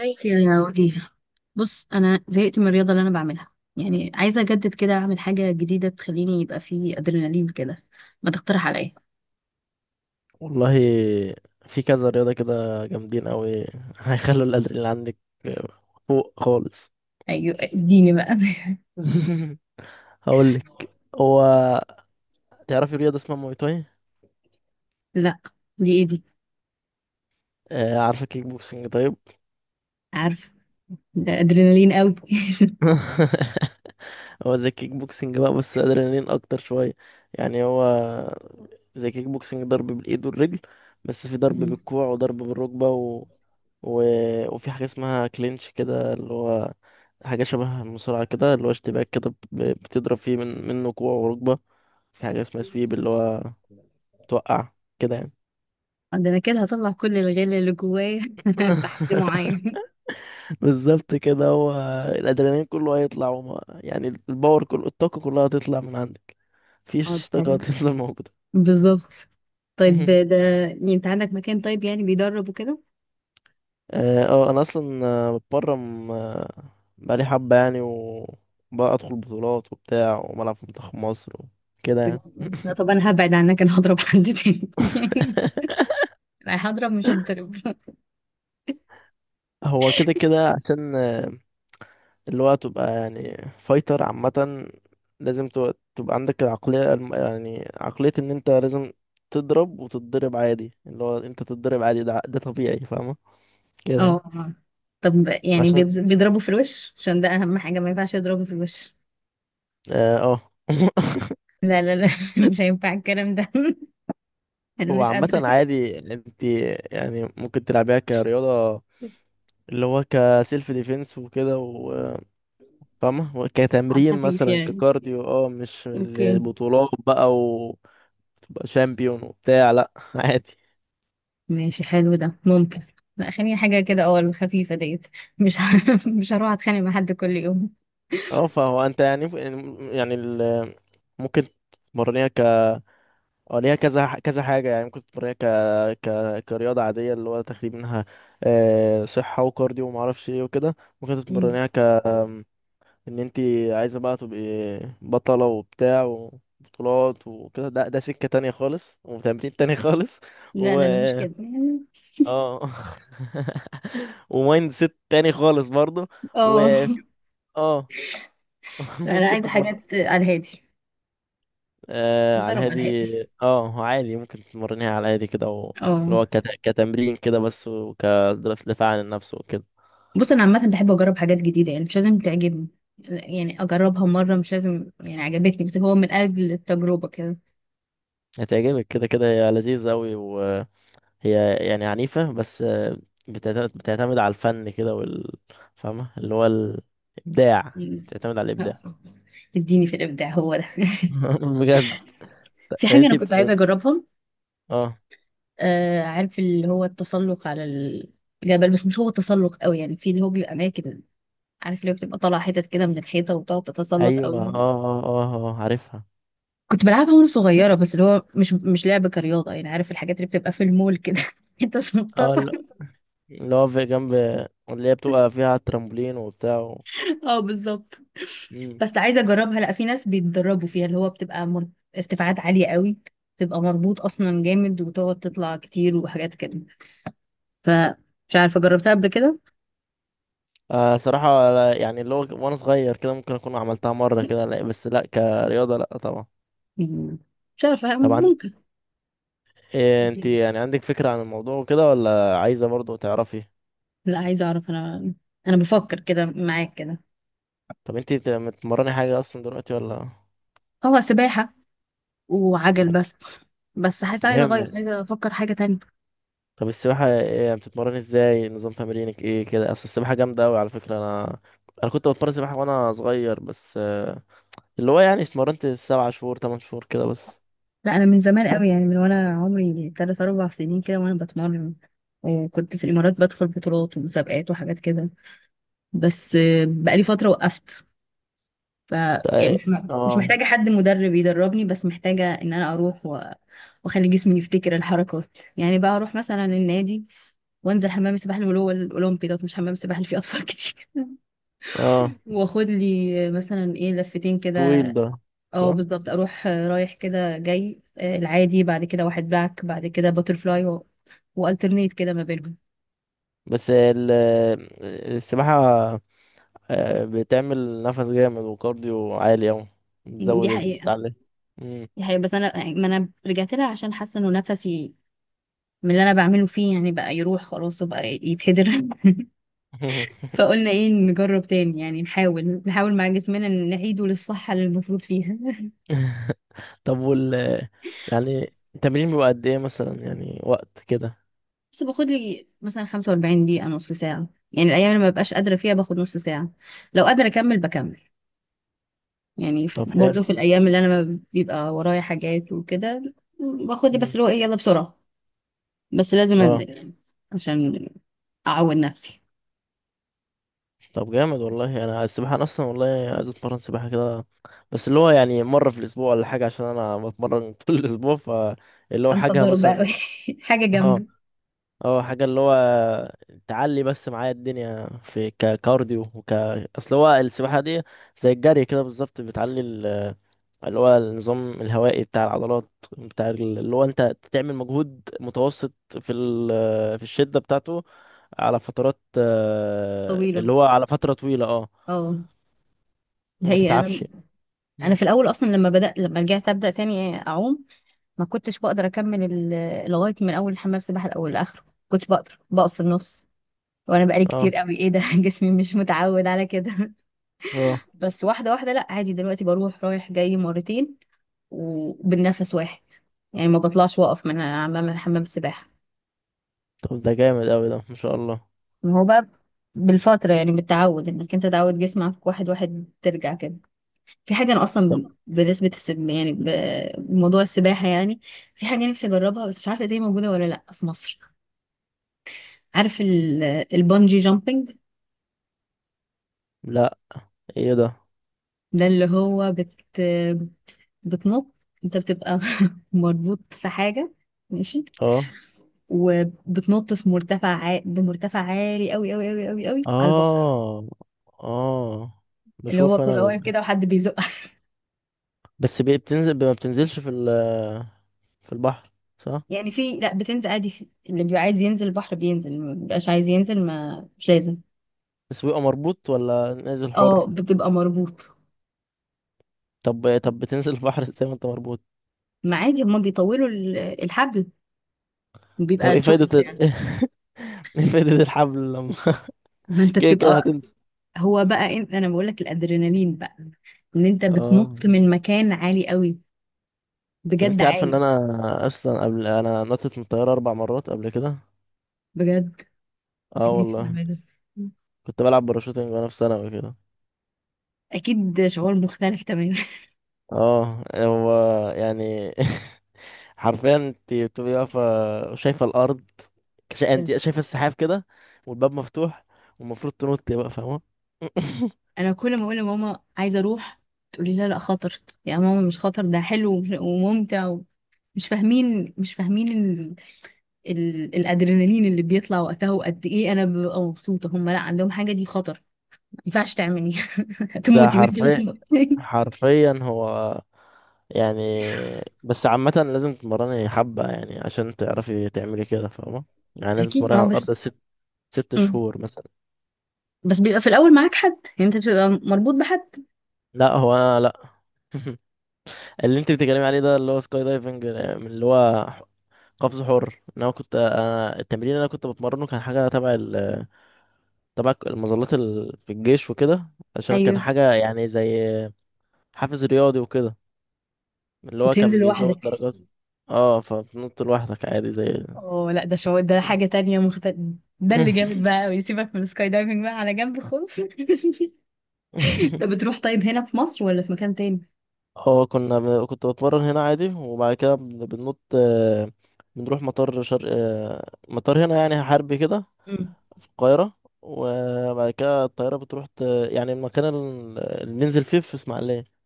ازيك يا وليلة؟ بص انا زهقت من الرياضه اللي انا بعملها. يعني عايزه اجدد كده، اعمل حاجه جديده تخليني يبقى فيه ادرينالين كده. ما تقترح عليا؟ والله، في كذا رياضة كده جامدين أوي هيخلوا الأدرينالين عندك فوق خالص. ايوه اديني بقى. هقولك. هو تعرفي رياضة اسمها موي تاي؟ لا، دي ايه دي؟ عارفة كيك بوكسنج؟ طيب. عارف، ده ادرينالين قوي. هو زي كيك بوكسنج بقى، بس أدرينالين أكتر شوية. يعني هو زي كيك بوكسنج، ضرب بالإيد والرجل، بس في ضرب بالكوع وضرب بالركبة. و... وفي حاجة اسمها كلينش كده، اللي هو حاجة شبه المصارعة كده، اللي هو اشتباك كده بتضرب فيه منه كوع وركبة. في حاجة اسمها سويب، اللي هو توقع كده يعني. ده انا كده هطلع كل الغل اللي جوايا في حد معين. بالظبط كده. هو الأدرينالين كله هيطلع، وما يعني، الباور كله، الطاقة كلها هتطلع من عندك. اه ده مفيش طاقة حلو. هتفضل موجودة. بالظبط. طيب ده، يعني انت عندك مكان طيب يعني بيدرب وكده؟ أنا أصلا بتمرن بقالي حبة يعني، وبقى أدخل بطولات وبتاع، وملعب في منتخب مصر وكده يعني. لا طب انا هبعد عنك، انا هضرب حد تاني. رايح اضرب مش هضرب. هو كده كده عشان اللي هو تبقى يعني فايتر عامة، لازم تبقى عندك العقلية يعني عقلية ان انت لازم تضرب وتتضرب عادي. اللي هو انت تتضرب عادي، ده طبيعي. فاهمة اه كده يعني. آه. طب يعني عشان. بيضربوا في الوش، عشان ده اهم حاجة، ما ينفعش يضربوا في الوش. اه آه. لا لا لا، مش هينفع الكلام ده. انا هو مش عامة قادرة. عادي، انت يعني ممكن تلعبيها كرياضة، اللي هو كسيلف ديفense وكده فاهمة، على وكتمرين الخفيف مثلا يعني. ككارديو، مش اوكي، البطولات بقى وتبقى شامبيون وبتاع، لا عادي. ماشي حلو ده ممكن. لا خليني حاجة كده، اه الخفيفة ديت. مش ه... مش هروح اتخانق مع حد كل يوم. اه فهو انت يعني ممكن تمرنيها ك اه ليها كذا كذا حاجة يعني. ممكن تمرنيها كرياضة عادية، اللي هو تاخدي منها صحة وكارديو ومعرفش ايه وكده. ممكن مم. تتمرنيها ان انتي عايزة بقى تبقي بطلة وبتاع وبطولات وكده، ده سكة تانية خالص وتمرين تاني خالص، لا و لا لا مش كده يعني. اه ومايند سيت تاني خالص برضه. اه. وفي اه لا، انا ممكن عايزة تتمرن. حاجات على الهادي. على ضرب على الهادي. الهادي. اه هو عادي ممكن تمرنيها على الهادي كده، اللي اه. هو كتمرين كده بس، وكدفاع عن النفس وكده. بص انا عامه بحب اجرب حاجات جديده، يعني مش لازم تعجبني. يعني اجربها مره، مش لازم يعني عجبتني، بس هو من اجل التجربه كده. هتعجبك كده كده، هي لذيذة أوي، وهي يعني عنيفة بس، بتعتمد على الفن كده فاهمة، اللي هو الإبداع، مم. بتعتمد على الإبداع. آه، اديني في الابداع هو ده. بجد. في حاجه انا انتي كنت عايزه بت... اجربها. اه آه عارف اللي هو التسلق على الجبل، بس مش هو تسلق قوي يعني، في اللي هو بيبقى اماكن، عارف اللي هو بتبقى طالعه حتت كده من الحيطه وتقعد تتسلق ايوه، قوي. عارفها. كنت بلعبها وانا صغيره، بس اللي هو مش لعب كرياضه يعني، عارف الحاجات اللي بتبقى في المول كده، انت اه، سنططه. اللي هو في جنب، اللي هي بتبقى فيها ترامبولين وبتاع. اه بالظبط. و... بس عايزه اجربها. لا، في ناس بيتدربوا فيها، اللي هو بتبقى ارتفاعات عاليه قوي، بتبقى مربوط اصلا جامد، وتقعد تطلع كتير وحاجات كده. فمش عارفه، جربتها قبل كده؟ آه صراحة، يعني اللي هو وانا صغير كده ممكن اكون عملتها مرة كده، لا، بس لا كرياضة، لا طبعا. مم. مش عارفه، طبعا. ممكن. إيه، انت يعني عندك فكرة عن الموضوع وكده ولا عايزة برضو تعرفي؟ لا عايزه اعرف انا، انا بفكر كده معاك كده. طب انت بتتمرني حاجة اصلا دلوقتي ولا؟ هو سباحه وعجل بس. بس حاسه عايزه اغير، جامد. عايزه افكر حاجه تانية. طب السباحة ايه يعني؟ بتتمرني ازاي؟ نظام تمرينك ايه كده؟ اصل السباحة جامدة اوي على فكرة. انا كنت بتمرن سباحة وانا صغير، بس اللي هو يعني اتمرنت 7 شهور 8 شهور كده بس. لا انا من زمان قوي، يعني من وانا عمري 3 4 سنين كده وانا بتمرن. وكنت في الامارات بدخل بطولات ومسابقات وحاجات كده، بس آه، بقالي فترة وقفت. ف اه، يعني مش محتاجة حد مدرب يدربني، بس محتاجة ان انا اروح و... واخلي جسمي يفتكر الحركات. يعني بقى اروح مثلا النادي وانزل حمام السباحة اللي هو الاولمبي ده، مش حمام السباحة اللي فيه اطفال كتير. اه، واخد لي مثلا ايه لفتين كده. طويل ده. اه صح. بالظبط، اروح آه، رايح كده جاي آه، العادي، بعد كده واحد باك، بعد كده باترفلاي، و... والترنيت كده ما بينهم. بس السباحة بتعمل نفس جامد وكارديو عالي أوي، دي بتزود حقيقة. بتاع مم. دي حقيقة، بس انا يعني ما انا رجعت لها عشان حاسة انه نفسي من اللي انا بعمله فيه يعني بقى يروح خلاص وبقى يتهدر. فقلنا ايه، نجرب تاني، يعني نحاول مع جسمنا إن نعيده للصحة اللي المفروض فيها. طب يعني التمرين بيبقى قد ايه مثلا يعني، وقت كده؟ بس باخد لي مثلا 45 دقيقة، نص ساعة. يعني الأيام اللي ما ببقاش قادرة فيها باخد نص ساعة، لو قادرة أكمل بكمل. يعني طب حلو. برضو في الأيام اللي أنا ما بيبقى ورايا حاجات وكده، باخد لي بس مم. اللي هو إيه، يلا بسرعة. بس لازم اه. أنزل يعني، عشان أعود نفسي. طب جامد والله. انا السباحة، انا اصلا والله عايز اتمرن سباحة كده، بس اللي هو يعني مرة في الاسبوع ولا حاجة، عشان انا بتمرن طول الاسبوع، فاللي هو أنت حاجة ضرب مثلا. أوي. حاجة جنبي. اه، حاجة اللي هو تعلي بس معايا الدنيا في ككارديو اصل هو السباحة دي زي الجري كده بالظبط، بتعلي اللي هو النظام الهوائي بتاع العضلات، بتاع اللي هو انت تعمل مجهود متوسط في في الشدة بتاعته، على فترات طويلة. اللي هو على فترة طويلة. اه. اه. وما هي تتعبش. أنا، انا مم. في الاول اصلا لما بدات، لما رجعت ابدا تاني اعوم، ما كنتش بقدر اكمل لغايه من اول حمام سباحه الاول لاخره، ما كنتش بقدر بقف في النص، وانا بقالي اه، كتير قوي ايه ده، جسمي مش متعود على كده. اه، بس واحده واحده، لا عادي دلوقتي بروح رايح جاي مرتين، وبالنفس واحد، يعني ما بطلعش واقف من امام حمام السباحه. طب ده جامد اوي، ده ما شاء الله. ما هو بقى، بالفتره يعني، بالتعود انك انت تعود جسمك واحد واحد ترجع كده. في حاجة أنا طب. أصلا بنسبة السب يعني، بموضوع السباحة يعني، في حاجة نفسي أجربها، بس مش عارفة دي موجودة ولا لأ في مصر. عارف البungee جامبينج؟ لا، ايه ده؟ ده اللي هو بتنط. أنت بتبقى مربوط في حاجة، ماشي، اه، وبتنط في بمرتفع عالي أوي أوي أوي أوي أوي على البحر. اه، اه، اللي هو بشوف بتبقى انا. واقف كده وحد بيزقك. بس بتنزل، ما بتنزلش في في البحر؟ صح. يعني في، لأ بتنزل عادي اللي بيبقى عايز ينزل البحر بينزل، ما بيبقاش عايز ينزل ما مش لازم. بس بيبقى مربوط ولا نازل اه حر؟ بتبقى مربوط. طب، بتنزل البحر ازاي ما انت مربوط؟ ما عادي، هما بيطولوا الحبل، طب بيبقى ايه فايدة تشويس يعني. ايه فايدة الحبل لما ما انت كده كده بتبقى، هتنزل؟ هو بقى انا بقول لك الادرينالين بقى، ان انت اه. بتنط من مكان عالي قوي. طب بجد انت عارفه ان عالي. انا اصلا قبل، نطت من الطيارة 4 مرات قبل كده. بجد، اه كان نفسي والله. اعمله. كنت بلعب باراشوتنج وانا في ثانوي كده. اكيد شعور مختلف تماما. اه هو يعني حرفيا انت بتبقي واقفة، شايفة الأرض، انت شايفة السحاب كده، والباب مفتوح، والمفروض تنطي بقى، فاهمة؟ انا كل ما اقول لماما عايزه اروح، تقولي لا لا خطر. يا ماما مش خطر، ده حلو وممتع و... مش فاهمين الادرينالين اللي بيطلع وقتها وقد ايه انا ببقى مبسوطه. هم لا، عندهم حاجه دي خطر، ما ينفعش تعملي، ده هتموتي وانت حرفيا، بتموتي. حرفيا هو يعني. بس عامة لازم تتمرني حبة يعني عشان تعرفي تعملي كده، فاهمة؟ يعني لازم اكيد، تتمرني ما هو على الأرض بس. ست مم. شهور مثلا. بس بيبقى في الاول معاك حد، يعني انت بتبقى مربوط بحد. لا، هو أنا لا. اللي انت بتتكلمي عليه ده اللي هو سكاي دايفنج، من اللي هو قفز حر. ان انا التمرين اللي انا كنت بتمرنه كان حاجة تبع المظلات في الجيش وكده، عشان كان ايوه حاجة يعني زي حافز رياضي وكده، اللي هو وبتنزل كان بيزود لوحدك. درجات. اه. فبتنط لوحدك عادي زي. اه لا ده شعور، ده حاجة تانية مختلفة. ده اللي جامد بقى قوي، سيبك من السكاي دايفنج بقى على جنب خالص. طب بتروح طيب هنا في مصر ولا في مكان تاني؟ اه كنت بتمرن هنا عادي، وبعد كده بننط بنروح مطار شرق، مطار هنا يعني، حربي كده. مم. في القاهرة. وبعد كده الطيارة بتروح يعني المكان اللي بننزل فيه في اسماعيلية.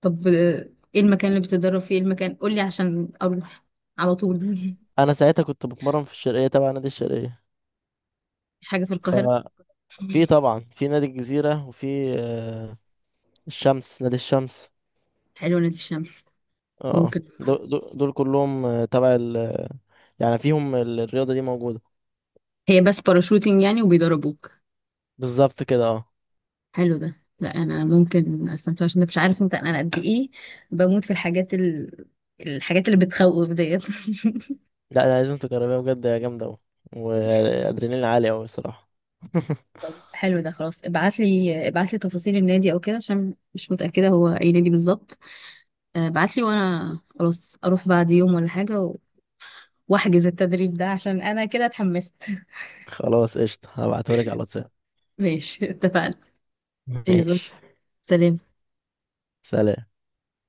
طب آه، ايه المكان اللي بتتدرب فيه، إيه المكان قولي عشان اروح على طول. أنا ساعتها كنت بتمرن في الشرقية تبع نادي الشرقية. مش حاجه في ف القاهره؟ في طبعا في نادي الجزيرة، وفي الشمس، نادي الشمس. حلوه نادي الشمس. اه، ممكن. دول كلهم تبع يعني فيهم الرياضة دي موجودة. هي بس باراشوتنج يعني وبيدربوك؟ بالظبط كده. اه. حلو ده، لا انا ممكن استمتع، عشان مش عارف انت انا قد ايه بموت في الحاجات اللي بتخوف ديت. لا انا لازم تجربيها بجد، يا جامدة اوي، وادرينالين عالي اوي الصراحة. حلو ده، خلاص ابعت لي، ابعت لي تفاصيل النادي او كده، عشان مش متأكدة هو اي نادي بالظبط. آه، ابعت لي وانا خلاص اروح بعد يوم ولا حاجة و... واحجز التدريب ده، عشان انا كده اتحمست. خلاص قشطة، هبعتهولك على الواتساب. ماشي، اتفقنا. يلا. ماشي. سلام. سلام.